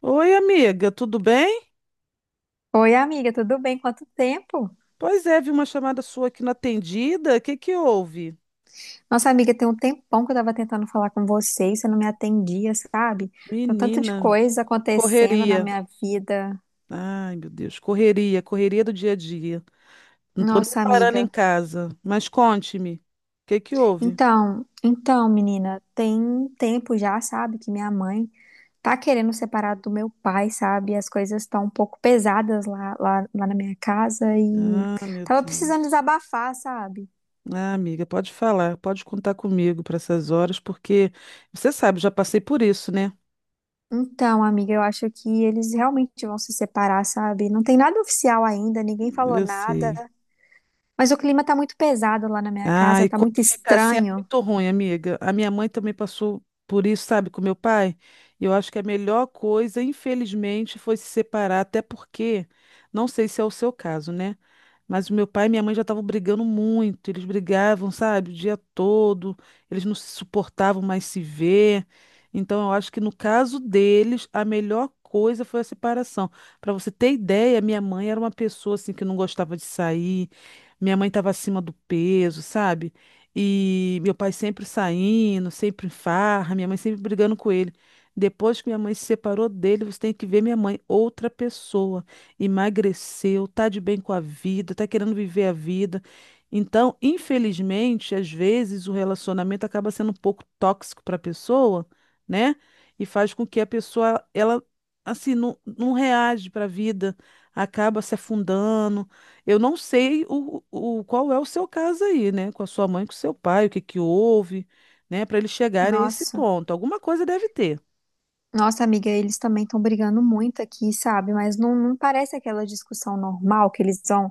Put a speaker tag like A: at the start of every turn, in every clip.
A: Oi, amiga, tudo bem?
B: Oi, amiga, tudo bem? Quanto tempo?
A: Pois é, vi uma chamada sua aqui na atendida. O que que houve?
B: Nossa, amiga, tem um tempão que eu tava tentando falar com você e você não me atendia, sabe? Tem um tanto de
A: Menina,
B: coisa acontecendo na
A: correria.
B: minha vida.
A: Ai, meu Deus, correria, correria do dia a dia. Não tô nem
B: Nossa,
A: parando em
B: amiga.
A: casa. Mas conte-me, o que que houve?
B: Menina, tem um tempo já, sabe, que minha mãe tá querendo separar do meu pai, sabe? As coisas estão um pouco pesadas lá na minha casa e
A: Ah, meu
B: tava precisando
A: Deus.
B: desabafar, sabe?
A: Ah, amiga, pode falar, pode contar comigo para essas horas, porque você sabe, eu já passei por isso, né?
B: Então, amiga, eu acho que eles realmente vão se separar, sabe? Não tem nada oficial ainda, ninguém falou
A: Eu sei.
B: nada, mas o clima tá muito pesado lá na minha
A: Ah,
B: casa,
A: e
B: tá
A: quando
B: muito
A: fica assim é
B: estranho.
A: muito ruim, amiga. A minha mãe também passou por isso, sabe, com meu pai. E eu acho que a melhor coisa, infelizmente, foi se separar, até porque, não sei se é o seu caso, né? Mas o meu pai e minha mãe já estavam brigando muito. Eles brigavam, sabe, o dia todo. Eles não se suportavam mais se ver. Então, eu acho que no caso deles, a melhor coisa foi a separação. Para você ter ideia, minha mãe era uma pessoa assim que não gostava de sair, minha mãe estava acima do peso, sabe? E meu pai sempre saindo, sempre em farra, minha mãe sempre brigando com ele. Depois que minha mãe se separou dele, você tem que ver minha mãe, outra pessoa. Emagreceu, tá de bem com a vida, tá querendo viver a vida. Então, infelizmente, às vezes o relacionamento acaba sendo um pouco tóxico para a pessoa, né? E faz com que a pessoa, ela, assim, não, não reage para a vida, acaba se afundando. Eu não sei o qual é o seu caso aí, né? Com a sua mãe, com o seu pai, o que que houve, né? Para eles chegarem a esse
B: Nossa,
A: ponto. Alguma coisa deve ter.
B: nossa, amiga, eles também estão brigando muito aqui, sabe? Mas não parece aquela discussão normal que eles vão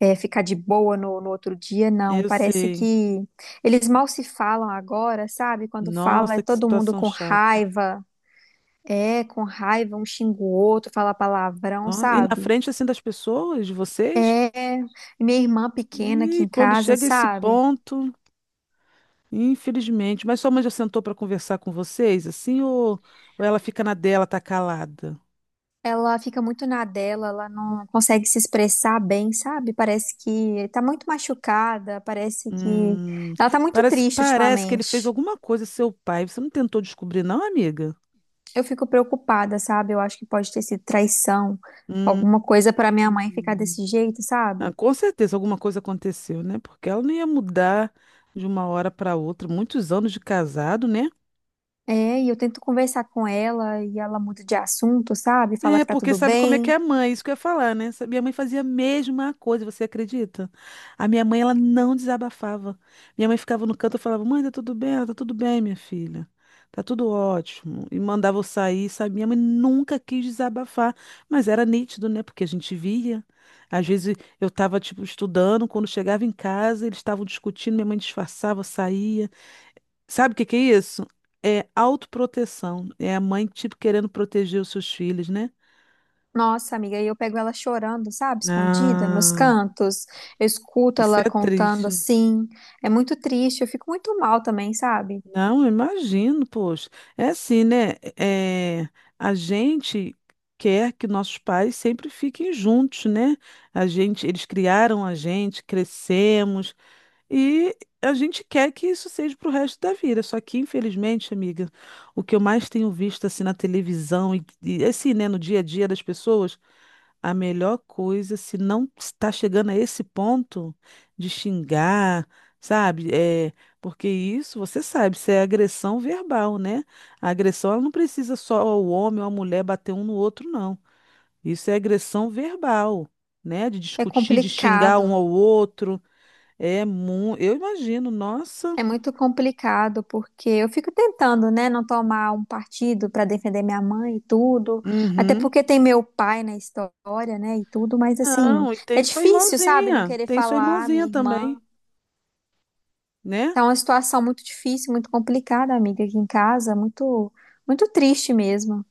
B: é, ficar de boa no outro dia, não.
A: Eu
B: Parece
A: sei.
B: que eles mal se falam agora, sabe? Quando fala, é
A: Nossa, que
B: todo mundo
A: situação
B: com
A: chata.
B: raiva. É, com raiva, um xinga o outro, fala palavrão,
A: Nossa, e na
B: sabe?
A: frente assim das pessoas, de vocês?
B: É, minha irmã pequena aqui
A: E
B: em
A: quando
B: casa,
A: chega a esse
B: sabe?
A: ponto, infelizmente. Mas sua mãe já sentou para conversar com vocês, assim, ou, ela fica na dela, tá calada?
B: Ela fica muito na dela, ela não consegue se expressar bem, sabe? Parece que tá muito machucada, parece que
A: Hum,
B: ela tá muito
A: parece,
B: triste
A: parece que ele fez
B: ultimamente.
A: alguma coisa, seu pai. Você não tentou descobrir, não, amiga?
B: Eu fico preocupada, sabe? Eu acho que pode ter sido traição,
A: Hum.
B: alguma coisa pra minha mãe ficar desse jeito,
A: Ah,
B: sabe?
A: com certeza alguma coisa aconteceu, né? Porque ela não ia mudar de uma hora para outra, muitos anos de casado, né?
B: É, e eu tento conversar com ela e ela muda de assunto, sabe? Fala
A: É,
B: que tá
A: porque
B: tudo
A: sabe como é que
B: bem.
A: é a mãe, isso que eu ia falar, né? Minha mãe fazia a mesma coisa, você acredita? A minha mãe, ela não desabafava. Minha mãe ficava no canto e falava: Mãe, tá tudo bem? Ela, Tá tudo bem, minha filha. Tá tudo ótimo. E mandava eu sair, sabe? Minha mãe nunca quis desabafar, mas era nítido, né? Porque a gente via. Às vezes eu tava, tipo, estudando, quando chegava em casa, eles estavam discutindo, minha mãe disfarçava, saía. Sabe o que que é isso? É autoproteção. É a mãe, tipo, querendo proteger os seus filhos, né?
B: Nossa, amiga, e eu pego ela chorando, sabe, escondida nos
A: Ah,
B: cantos. Eu escuto
A: isso
B: ela
A: é
B: contando
A: triste.
B: assim. É muito triste, eu fico muito mal também, sabe?
A: Não, eu imagino, poxa. É assim, né? É, a gente quer que nossos pais sempre fiquem juntos, né? A gente, eles criaram a gente, crescemos e a gente quer que isso seja para o resto da vida. Só que, infelizmente, amiga, o que eu mais tenho visto assim na televisão e assim, né, no dia a dia das pessoas. A melhor coisa, se não está chegando a esse ponto de xingar, sabe? É, porque isso, você sabe, isso é agressão verbal, né? A agressão, ela não precisa só o homem ou a mulher bater um no outro, não. Isso é agressão verbal, né? De
B: É
A: discutir, de xingar um
B: complicado.
A: ao outro. Eu imagino, nossa.
B: É muito complicado porque eu fico tentando, né, não tomar um partido para defender minha mãe e tudo, até
A: Uhum.
B: porque tem meu pai na história, né, e tudo, mas assim,
A: Não, e
B: é difícil, sabe, não querer
A: tem sua
B: falar, minha
A: irmãzinha também,
B: irmã.
A: né?
B: Tá uma situação muito difícil, muito complicada, amiga, aqui em casa, muito triste mesmo.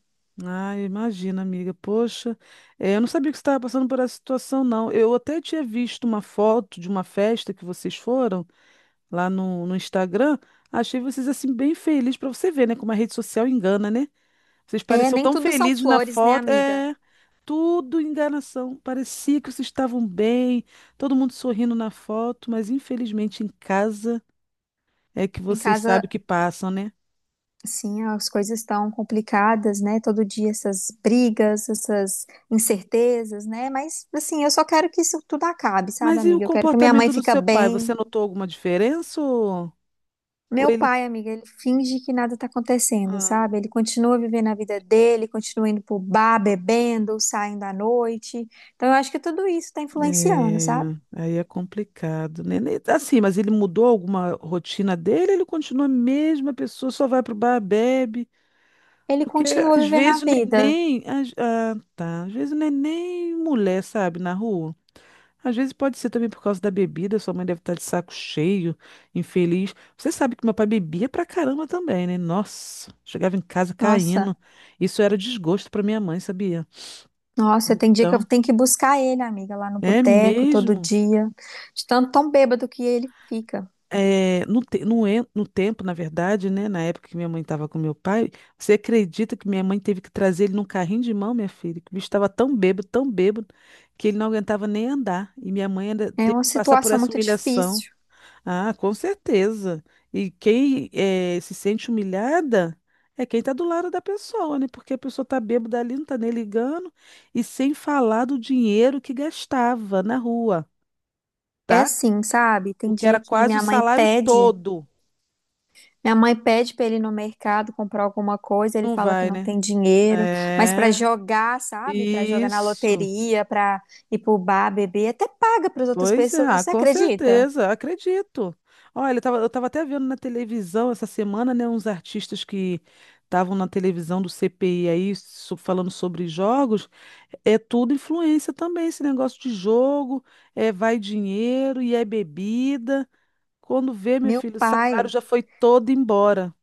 A: Ah, imagina, amiga. Poxa, é, eu não sabia que você estava passando por essa situação, não. Eu até tinha visto uma foto de uma festa que vocês foram lá no Instagram. Achei vocês assim bem felizes para você ver, né? Como a rede social engana, né? Vocês
B: É,
A: pareciam
B: nem
A: tão
B: tudo são
A: felizes na
B: flores, né,
A: foto.
B: amiga?
A: É, tudo enganação. Parecia que vocês estavam bem, todo mundo sorrindo na foto, mas infelizmente em casa é que
B: Em
A: vocês sabem
B: casa,
A: o que passam, né?
B: sim, as coisas estão complicadas, né? Todo dia essas brigas, essas incertezas, né? Mas, assim, eu só quero que isso tudo acabe, sabe,
A: Mas e o
B: amiga? Eu quero que minha mãe
A: comportamento do
B: fique
A: seu pai? Você
B: bem.
A: notou alguma diferença ou...
B: Meu pai, amiga, ele finge que nada tá acontecendo,
A: Ah,
B: sabe? Ele continua vivendo a vida dele, continua indo pro bar, bebendo, saindo à noite. Então, eu acho que tudo isso tá influenciando,
A: é,
B: sabe?
A: aí é complicado, né? Assim, mas ele mudou alguma rotina dele, ele continua a mesma pessoa, só vai pro bar, bebe.
B: Ele
A: Porque
B: continua
A: às
B: vivendo a
A: vezes o
B: vida.
A: neném. Ah, tá. Às vezes o neném, mulher, sabe, na rua. Às vezes pode ser também por causa da bebida, sua mãe deve estar de saco cheio, infeliz. Você sabe que meu pai bebia pra caramba também, né? Nossa, chegava em casa caindo.
B: Nossa.
A: Isso era desgosto pra minha mãe, sabia?
B: Nossa, tem dia que eu
A: Então,
B: tenho que buscar ele, amiga, lá no
A: é
B: boteco todo
A: mesmo.
B: dia, de tanto tão bêbado que ele fica.
A: É, no tempo, na verdade, né? Na época que minha mãe estava com meu pai, você acredita que minha mãe teve que trazer ele num carrinho de mão, minha filha? Que o bicho estava tão bêbado, que ele não aguentava nem andar. E minha mãe ainda
B: É
A: teve
B: uma
A: que passar por
B: situação
A: essa
B: muito
A: humilhação.
B: difícil.
A: Ah, com certeza. E quem se sente humilhada é quem está do lado da pessoa, né? Porque a pessoa está bêbada ali, não está nem ligando. E sem falar do dinheiro que gastava na rua,
B: É
A: tá?
B: assim, sabe? Tem
A: Porque
B: dia
A: era
B: que
A: quase o salário todo.
B: minha mãe pede pra ele ir no mercado comprar alguma coisa, ele
A: Não
B: fala que
A: vai,
B: não
A: né?
B: tem dinheiro, mas pra
A: É.
B: jogar, sabe? Pra jogar na
A: Isso.
B: loteria, pra ir pro bar beber, até paga pras outras
A: Pois é,
B: pessoas,
A: ah,
B: você
A: com
B: acredita?
A: certeza, acredito. Olha, eu tava até vendo na televisão essa semana, né, uns artistas que estavam na televisão do CPI aí, falando sobre jogos, é tudo influência também, esse negócio de jogo, é vai dinheiro e é bebida. Quando vê, meu
B: Meu
A: filho, o salário
B: pai.
A: já foi todo embora.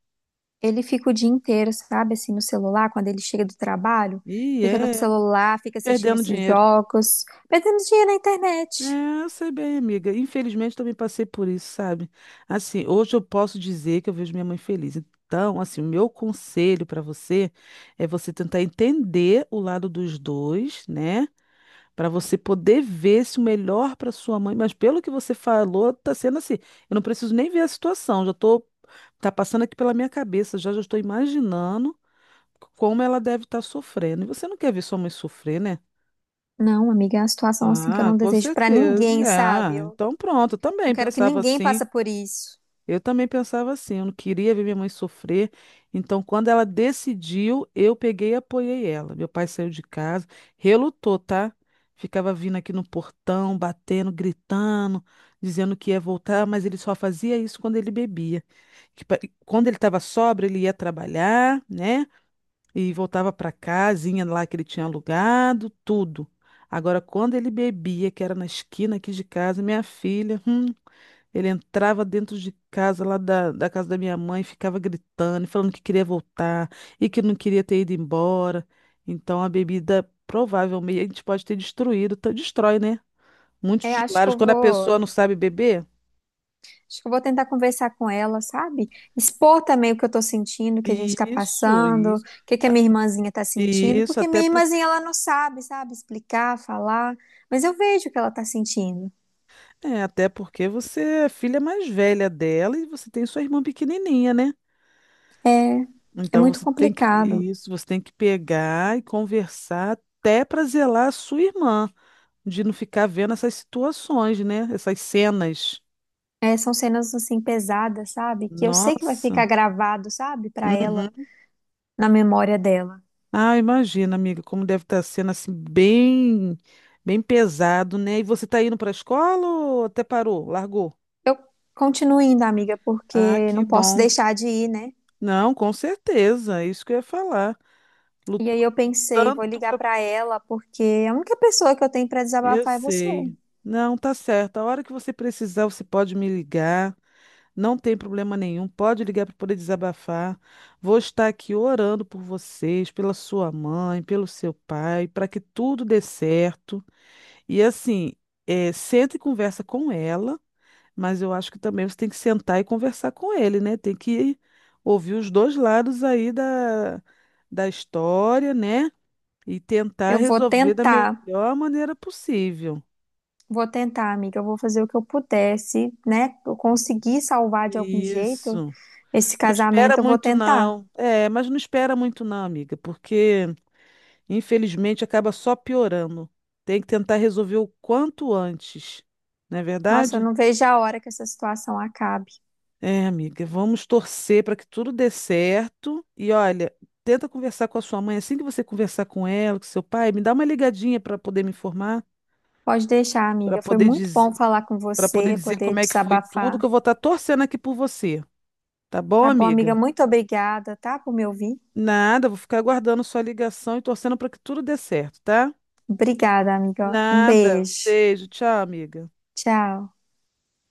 B: Ele fica o dia inteiro, sabe, assim, no celular, quando ele chega do trabalho,
A: E
B: fica no
A: é,
B: celular, fica assistindo
A: perdendo
B: esses
A: dinheiro.
B: jogos, perdendo dinheiro na internet.
A: É, eu sei bem, amiga. Infelizmente também passei por isso, sabe? Assim, hoje eu posso dizer que eu vejo minha mãe feliz. Então, assim, o meu conselho para você é você tentar entender o lado dos dois, né? Para você poder ver se o melhor para sua mãe, mas pelo que você falou, tá sendo assim. Eu não preciso nem ver a situação, já tô tá passando aqui pela minha cabeça, já já estou imaginando como ela deve estar sofrendo. E você não quer ver sua mãe sofrer, né?
B: Não, amiga, é uma situação assim que eu
A: Ah,
B: não
A: com
B: desejo pra
A: certeza.
B: ninguém,
A: É,
B: sabe?
A: ah,
B: Eu
A: então pronto, eu
B: não
A: também
B: quero que
A: pensava
B: ninguém
A: assim.
B: passe por isso.
A: Eu também pensava assim, eu não queria ver minha mãe sofrer. Então, quando ela decidiu, eu peguei e apoiei ela. Meu pai saiu de casa, relutou, tá? Ficava vindo aqui no portão, batendo, gritando, dizendo que ia voltar, mas ele só fazia isso quando ele bebia. Que pa- quando ele estava sóbrio, ele ia trabalhar, né? E voltava para casinha lá que ele tinha alugado, tudo. Agora, quando ele bebia, que era na esquina aqui de casa, minha filha, ele entrava dentro de casa, lá da casa da minha mãe, ficava gritando, e falando que queria voltar e que não queria ter ido embora. Então, a bebida provavelmente a gente pode ter destruído, destrói, né? Muitos
B: É,
A: dos lares, quando a pessoa não sabe beber.
B: acho que eu vou tentar conversar com ela, sabe? Expor também o que eu tô sentindo, o que a gente tá
A: Isso,
B: passando, o
A: isso,
B: que que a minha irmãzinha tá sentindo,
A: isso,
B: porque
A: até
B: minha irmãzinha
A: porque.
B: ela não sabe, sabe, explicar, falar, mas eu vejo o que ela tá sentindo.
A: É, até porque você é filha mais velha dela e você tem sua irmã pequenininha, né?
B: É é
A: Então
B: muito complicado.
A: você tem que pegar e conversar até para zelar a sua irmã, de não ficar vendo essas situações, né? Essas cenas.
B: É, são cenas assim pesadas, sabe? Que eu sei que vai ficar
A: Nossa.
B: gravado, sabe? Pra ela,
A: Uhum.
B: na memória dela.
A: Ah, imagina, amiga, como deve estar sendo assim bem, bem pesado, né? E você tá indo para a escola ou até parou, largou?
B: Eu continuo indo, amiga,
A: Ah,
B: porque
A: que
B: não posso
A: bom.
B: deixar de ir, né?
A: Não, com certeza, é isso que eu ia falar.
B: E aí eu pensei, vou
A: Lutando
B: ligar
A: para
B: pra ela, porque a única pessoa que eu tenho pra
A: Eu
B: desabafar é você.
A: sei. Não, tá certo. A hora que você precisar, você pode me ligar. Não tem problema nenhum. Pode ligar para poder desabafar. Vou estar aqui orando por vocês, pela sua mãe, pelo seu pai, para que tudo dê certo. E assim, senta e conversa com ela, mas eu acho que também você tem que sentar e conversar com ele, né? Tem que ouvir os dois lados aí da história, né? E tentar
B: Eu vou
A: resolver da
B: tentar,
A: melhor maneira possível.
B: vou tentar, amiga. Eu vou fazer o que eu puder, se, né? Eu conseguir salvar de algum jeito
A: Isso.
B: esse
A: Não espera
B: casamento, eu vou
A: muito,
B: tentar.
A: não. É, mas não espera muito, não, amiga, porque infelizmente acaba só piorando. Tem que tentar resolver o quanto antes, não é
B: Nossa, eu
A: verdade?
B: não vejo a hora que essa situação acabe.
A: É, amiga, vamos torcer para que tudo dê certo. E olha, tenta conversar com a sua mãe. Assim que você conversar com ela, com seu pai, me dá uma ligadinha para poder me informar,
B: Pode deixar,
A: para
B: amiga. Foi
A: poder
B: muito
A: dizer,
B: bom falar com
A: para poder
B: você,
A: dizer
B: poder
A: como é que foi tudo,
B: desabafar.
A: que eu vou estar torcendo aqui por você. Tá bom,
B: Tá bom, amiga?
A: amiga?
B: Muito obrigada, tá, por me ouvir.
A: Nada, vou ficar aguardando sua ligação e torcendo para que tudo dê certo, tá?
B: Obrigada, amiga. Um
A: Nada.
B: beijo.
A: Beijo, tchau, amiga.
B: Tchau.